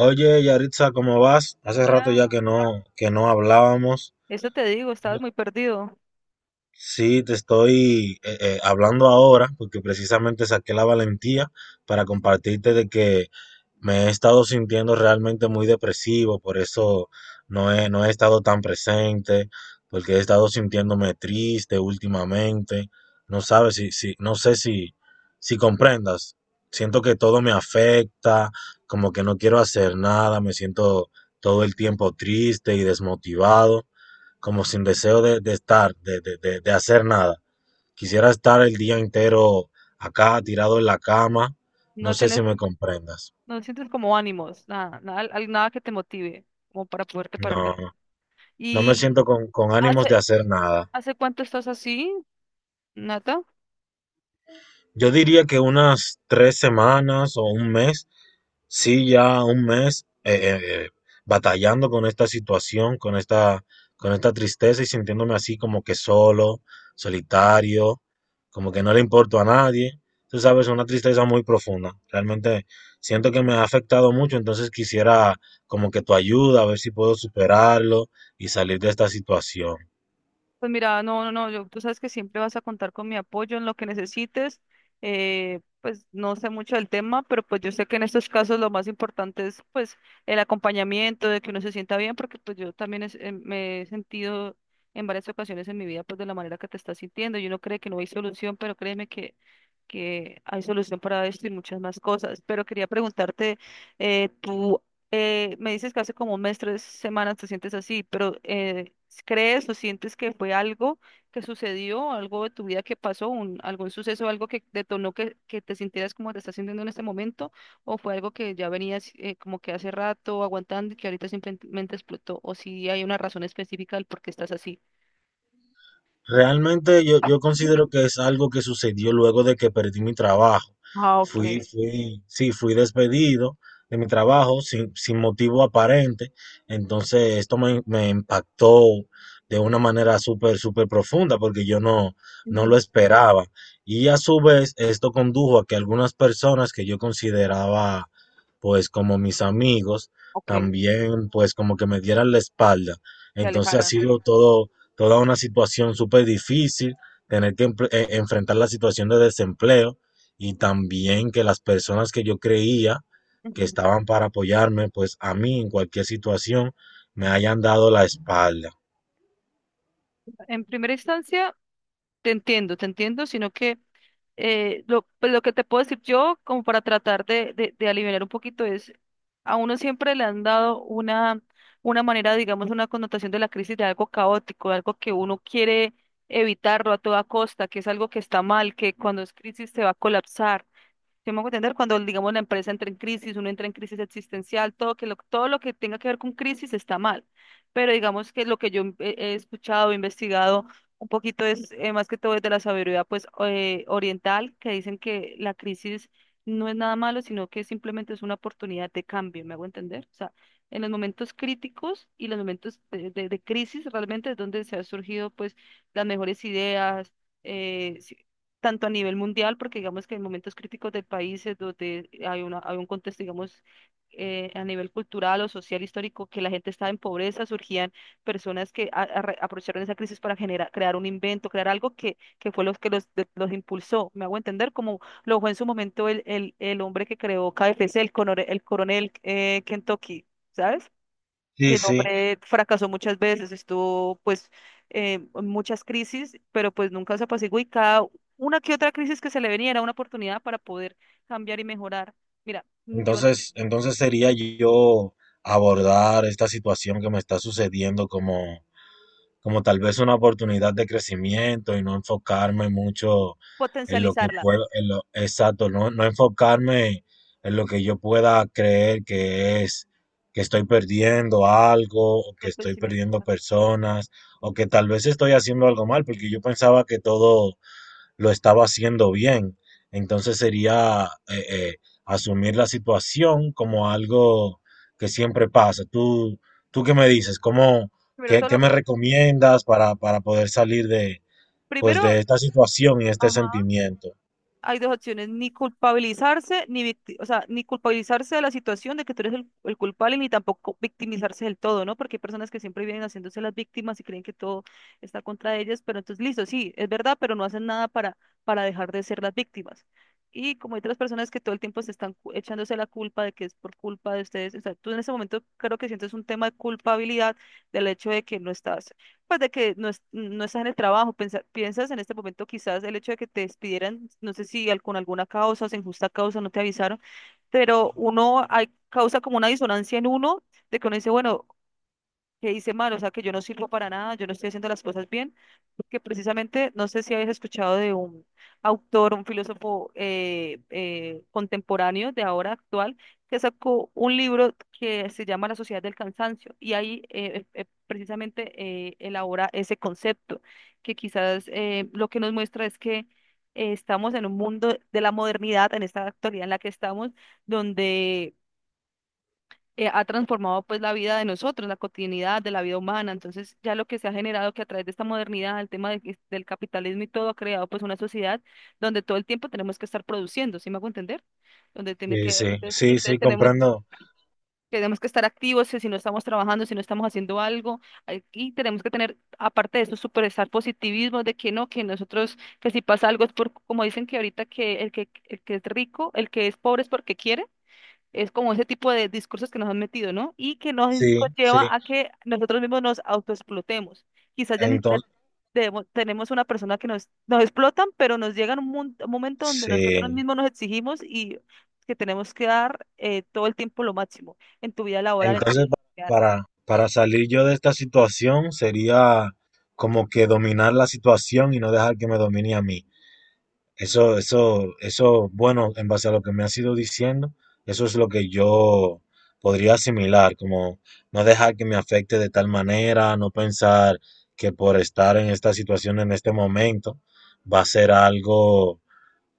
Oye, Yaritza, ¿cómo vas? Hace rato ya que Hola, no, que no hablábamos. eso te digo, estabas muy perdido. Sí, te estoy hablando ahora porque precisamente saqué la valentía para compartirte de que me he estado sintiendo realmente muy depresivo, por eso no he estado tan presente, porque he estado sintiéndome triste últimamente. No sabes no sé si, si comprendas. Siento que todo me afecta, como que no quiero hacer nada, me siento todo el tiempo triste y desmotivado como sin deseo de estar, de hacer nada. Quisiera estar el día entero acá, tirado en la cama. No No sé si tienes, me comprendas. no sientes como ánimos, nada, nada, nada que te motive como para poderte No, pararte. no me ¿Y siento con ánimos de hace, hacer nada. hace cuánto estás así, Nata? Yo diría que unas 3 semanas o un mes, sí, ya un mes eh, batallando con esta situación, con esta tristeza y sintiéndome así como que solo, solitario, como que no le importo a nadie. Tú sabes, una tristeza muy profunda. Realmente siento que me ha afectado mucho, entonces quisiera como que tu ayuda, a ver si puedo superarlo y salir de esta situación. Pues mira, no, no, no, yo, tú sabes que siempre vas a contar con mi apoyo en lo que necesites. Pues no sé mucho del tema, pero pues yo sé que en estos casos lo más importante es pues el acompañamiento, de que uno se sienta bien, porque pues yo también me he sentido en varias ocasiones en mi vida pues de la manera que te estás sintiendo. Y uno cree que no hay solución, pero créeme que hay solución para esto y muchas más cosas. Pero quería preguntarte, tú me dices que hace como un mes, tres semanas te sientes así, pero ¿crees o sientes que fue algo que sucedió, algo de tu vida que pasó, algún suceso, algo que detonó que te sintieras como te estás sintiendo en este momento? ¿O fue algo que ya venías como que hace rato aguantando y que ahorita simplemente explotó? ¿O si hay una razón específica del por qué estás así? Realmente yo considero que es algo que sucedió luego de que perdí mi trabajo. Ah, ok. Sí, fui despedido de mi trabajo sin motivo aparente. Entonces esto me impactó de una manera súper profunda porque yo no, no lo Ujú. esperaba. Y a su vez esto condujo a que algunas personas que yo consideraba pues como mis amigos Ok. también pues como que me dieran la espalda. Se Entonces ha alejara. sido todo toda una situación súper difícil, tener que enfrentar la situación de desempleo y también que las personas que yo creía que Ujú. estaban para apoyarme, pues a mí en cualquier situación me hayan dado la espalda. En primera instancia, te entiendo, sino que lo, pues, lo que te puedo decir yo, como para tratar de aliviar un poquito, es a uno siempre le han dado una manera, digamos, una connotación de la crisis de algo caótico, de algo que uno quiere evitarlo a toda costa, que es algo que está mal, que cuando es crisis se va a colapsar. ¿Sí me hago entender? Cuando, digamos, la empresa entra en crisis, uno entra en crisis existencial, todo, que lo, todo lo que tenga que ver con crisis está mal. Pero digamos que lo que yo he, he escuchado, he investigado un poquito es, más que todo es de la sabiduría pues, oriental, que dicen que la crisis no es nada malo, sino que simplemente es una oportunidad de cambio, ¿me hago entender? O sea, en los momentos críticos y los momentos de crisis realmente es donde se han surgido pues las mejores ideas, si, tanto a nivel mundial, porque digamos que en momentos críticos del país es donde hay una, hay un contexto, digamos, a nivel cultural o social histórico, que la gente estaba en pobreza, surgían personas que aprovecharon esa crisis para generar, crear un invento, crear algo que fue los que los, los impulsó. Me hago entender, como lo fue en su momento el hombre que creó KFC, el, el coronel Kentucky, ¿sabes? Que Sí, el sí. hombre fracasó muchas veces, estuvo pues en muchas crisis, pero pues nunca se apaciguó y cada una que otra crisis que se le venía era una oportunidad para poder cambiar y mejorar. Mira, yo Entonces sería yo abordar esta situación que me está sucediendo como tal vez una oportunidad de crecimiento y no enfocarme mucho en lo que potencializarla puedo, en lo, exacto, no, no enfocarme en lo que yo pueda creer que es, que estoy perdiendo algo, o que del estoy pensamiento. O perdiendo sea, personas, o que tal vez estoy haciendo algo mal, porque yo pensaba que todo lo estaba haciendo bien. Entonces sería asumir la situación como algo que siempre pasa. ¿Tú, tú qué me dices? ¿Cómo, Primero qué, todo qué lo me con... recomiendas para poder salir de, pues, Primero, de esta situación y este ajá, sentimiento? hay dos opciones, ni culpabilizarse, ni victi- o sea, ni culpabilizarse de la situación de que tú eres el culpable, ni tampoco victimizarse del todo, ¿no? Porque hay personas que siempre vienen haciéndose las víctimas y creen que todo está contra ellas, pero entonces, listo, sí, es verdad, pero no hacen nada para, para dejar de ser las víctimas. Y como hay otras personas que todo el tiempo se están echándose la culpa de que es por culpa de ustedes, o sea, tú en ese momento creo que sientes un tema de culpabilidad del hecho de que no estás pues de que no, no estás en el trabajo, piensas en este momento quizás el hecho de que te despidieran, no sé si con alguna causa, o sin justa causa, no te avisaron, pero uno hay, causa como una disonancia en uno, de que uno dice, bueno, que hice mal, o sea, que yo no sirvo para nada, yo no estoy haciendo las cosas bien, porque precisamente, no sé si habéis escuchado de un autor, un filósofo contemporáneo de ahora actual, que sacó un libro que se llama La Sociedad del Cansancio, y ahí precisamente elabora ese concepto, que quizás lo que nos muestra es que estamos en un mundo de la modernidad, en esta actualidad en la que estamos, donde ha transformado pues la vida de nosotros, la cotidianidad de la vida humana. Entonces, ya lo que se ha generado que a través de esta modernidad, el tema del, del capitalismo y todo ha creado pues una sociedad donde todo el tiempo tenemos que estar produciendo, ¿sí me hago entender? Donde tiene Sí, que, sí, entonces, sí, y entonces sí, comprendo. tenemos que estar activos, si no estamos trabajando, si no estamos haciendo algo, ay, y tenemos que tener, aparte de eso, superestar positivismo de que no, que nosotros, que si pasa algo es por, como dicen que ahorita que el que, el que es rico, el que es pobre es porque quiere. Es como ese tipo de discursos que nos han metido, ¿no? Y que nos Sí, sí. lleva a que nosotros mismos nos autoexplotemos. Quizás ya ni siquiera Entonces, tenemos una persona que nos, nos explotan, pero nos llega un, un momento donde nosotros sí. mismos nos exigimos y que tenemos que dar todo el tiempo lo máximo en tu vida laboral, en tu Entonces, vida pa- social. Para salir yo de esta situación sería como que dominar la situación y no dejar que me domine a mí. Eso, bueno, en base a lo que me has ido diciendo, eso es lo que yo podría asimilar, como no dejar que me afecte de tal manera, no pensar que por estar en esta situación en este momento va a ser algo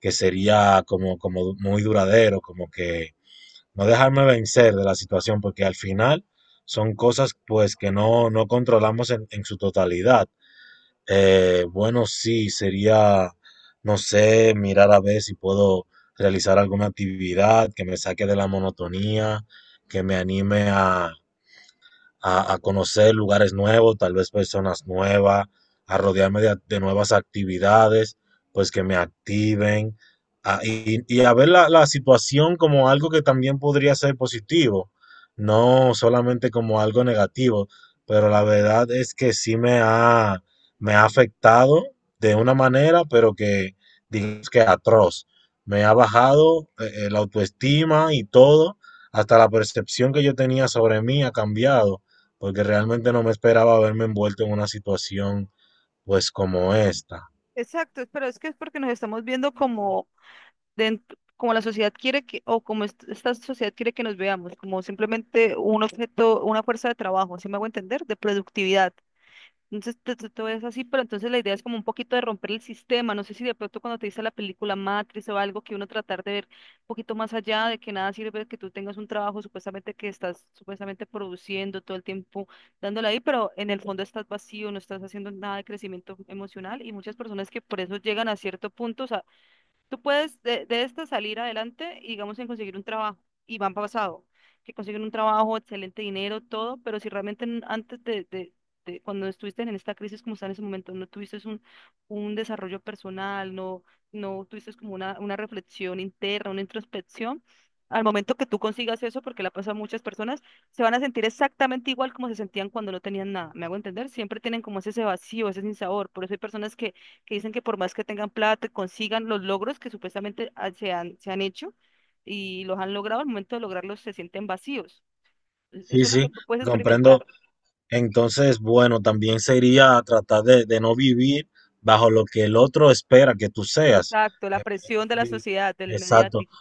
que sería como, como muy duradero, como que no dejarme vencer de la situación, porque al final son cosas pues que no, no controlamos en su totalidad. Bueno, sí, sería, no sé, mirar a ver si puedo realizar alguna actividad que me saque de la monotonía, que me anime a conocer lugares nuevos, tal vez personas nuevas, a rodearme de nuevas actividades, pues que me activen, y a ver la, la situación como algo que también podría ser positivo, no solamente como algo negativo, pero la verdad es que sí me ha afectado de una manera, pero que digamos que atroz. Me ha bajado la autoestima y todo, hasta la percepción que yo tenía sobre mí ha cambiado porque realmente no me esperaba verme envuelto en una situación pues como esta. Exacto, pero es que es porque nos estamos viendo como dentro, como la sociedad quiere que, o como esta sociedad quiere que nos veamos, como simplemente un objeto, una fuerza de trabajo, ¿sí me hago entender? De productividad. Entonces todo es así, pero entonces la idea es como un poquito de romper el sistema. No sé si de pronto cuando te dice la película Matrix o algo que uno tratar de ver un poquito más allá de que nada sirve que tú tengas un trabajo supuestamente que estás supuestamente produciendo todo el tiempo dándole ahí, pero en el fondo estás vacío, no estás haciendo nada de crecimiento emocional y muchas personas que por eso llegan a cierto punto, tú puedes de esta salir adelante y digamos en conseguir un trabajo. Y van pasado, que consiguen un trabajo, excelente dinero, todo, pero si realmente antes de cuando estuviste en esta crisis como está en ese momento, no tuviste un desarrollo personal, no, no tuviste como una reflexión interna, una introspección, al momento que tú consigas eso, porque la pasa a muchas personas, se van a sentir exactamente igual como se sentían cuando no tenían nada. ¿Me hago entender? Siempre tienen como ese vacío, ese sinsabor. Por eso hay personas que dicen que por más que tengan plata, consigan los logros que supuestamente se han hecho y los han logrado, al momento de lograrlos se sienten vacíos. Sí, Eso es lo que sí, tú puedes comprendo. experimentar. Entonces, bueno, también sería tratar de no vivir bajo lo que el otro espera que tú seas. Exacto, la presión de la Sí, sociedad, del exacto. mediático.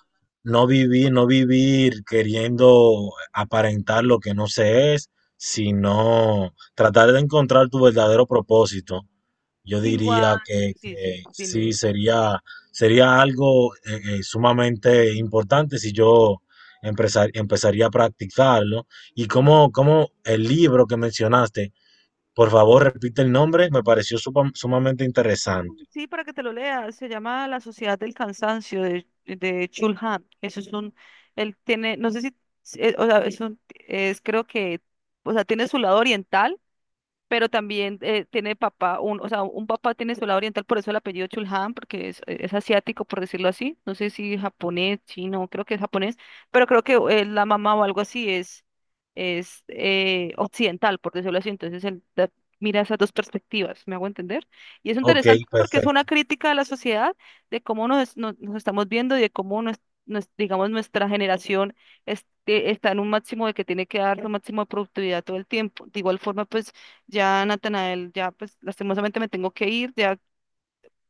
No vivir, no vivir queriendo aparentar lo que no se es, sino tratar de encontrar tu verdadero propósito. Yo Igual, diría sí, sí, que dime, sí, dime. sería, sería algo sumamente importante si yo empezaría a practicarlo. Y como, como el libro que mencionaste, por favor, repite el nombre, me pareció sumamente Oh, interesante. sí, para que te lo leas, se llama La Sociedad del Cansancio de Chul Han. Eso es un, él tiene, no sé si, o sea, es creo que, o sea, tiene su lado oriental pero también tiene papá, un, o sea, un papá tiene su lado oriental, por eso el apellido Chulhan, porque es asiático, por decirlo así. No sé si japonés, chino, creo que es japonés, pero creo que la mamá o algo así es, es occidental, por decirlo así. Entonces mira esas dos perspectivas, ¿me hago entender? Y es Ok, interesante porque es una perfecto. crítica a la sociedad, de cómo nos, nos, nos estamos viendo y de cómo nos, digamos, nuestra generación está en un máximo de que tiene que dar su máximo de productividad todo el tiempo. De igual forma, pues ya, Natanael, ya pues lastimosamente me tengo que ir, ya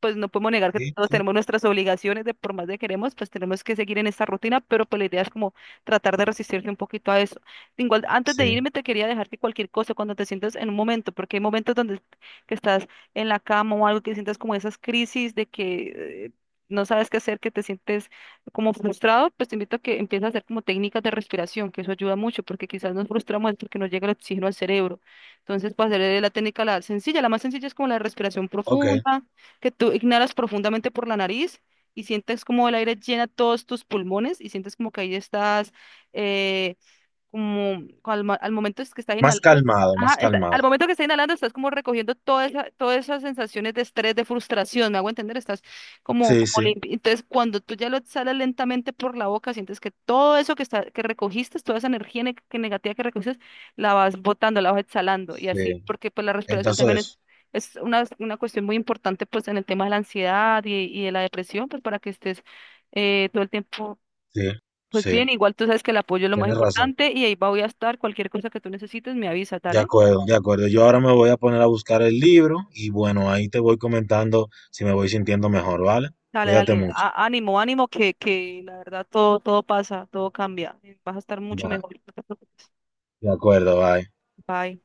pues no podemos negar que Sí, todos sí, tenemos nuestras obligaciones de por más de queremos, pues tenemos que seguir en esta rutina, pero pues la idea es como tratar de resistirse un poquito a eso. Igual, antes de sí. irme te quería dejar que cualquier cosa, cuando te sientas en un momento, porque hay momentos donde que estás en la cama o algo que sientas como esas crisis de que no sabes qué hacer, que te sientes como frustrado, pues te invito a que empieces a hacer como técnicas de respiración, que eso ayuda mucho, porque quizás nos frustramos porque no llega el oxígeno al cerebro. Entonces, para hacer la técnica la sencilla, la más sencilla es como la respiración Ok. profunda que tú ignoras profundamente por la nariz y sientes como el aire llena todos tus pulmones y sientes como que ahí estás, eh, al momento es que estás Más inhalando, calmado, ajá, más al calmado. momento que estás inhalando estás como recogiendo todas esas sensaciones de estrés, de frustración, me hago entender, estás como, Sí, sí, Entonces, cuando tú ya lo exhalas lentamente por la boca, sientes que todo eso que, está, que recogiste, toda esa energía ne- que negativa que recogiste, la vas botando, la vas exhalando y así, sí. porque pues la respiración también es... Entonces, Es una cuestión muy importante pues en el tema de la ansiedad y de la depresión, pues para que estés todo el tiempo sí, pues bien. sí, Igual tú sabes que el apoyo es lo más tienes razón. importante y ahí voy a estar. Cualquier cosa que tú necesites, me avisa, De dale. acuerdo, de acuerdo. Yo ahora me voy a poner a buscar el libro y bueno, ahí te voy comentando si me voy sintiendo mejor, ¿vale? Dale, Cuídate dale, mucho. Ánimo, ánimo, que la verdad todo, todo pasa, todo cambia. Vas a estar mucho Bye. mejor, no te preocupes. De acuerdo, bye. Bye.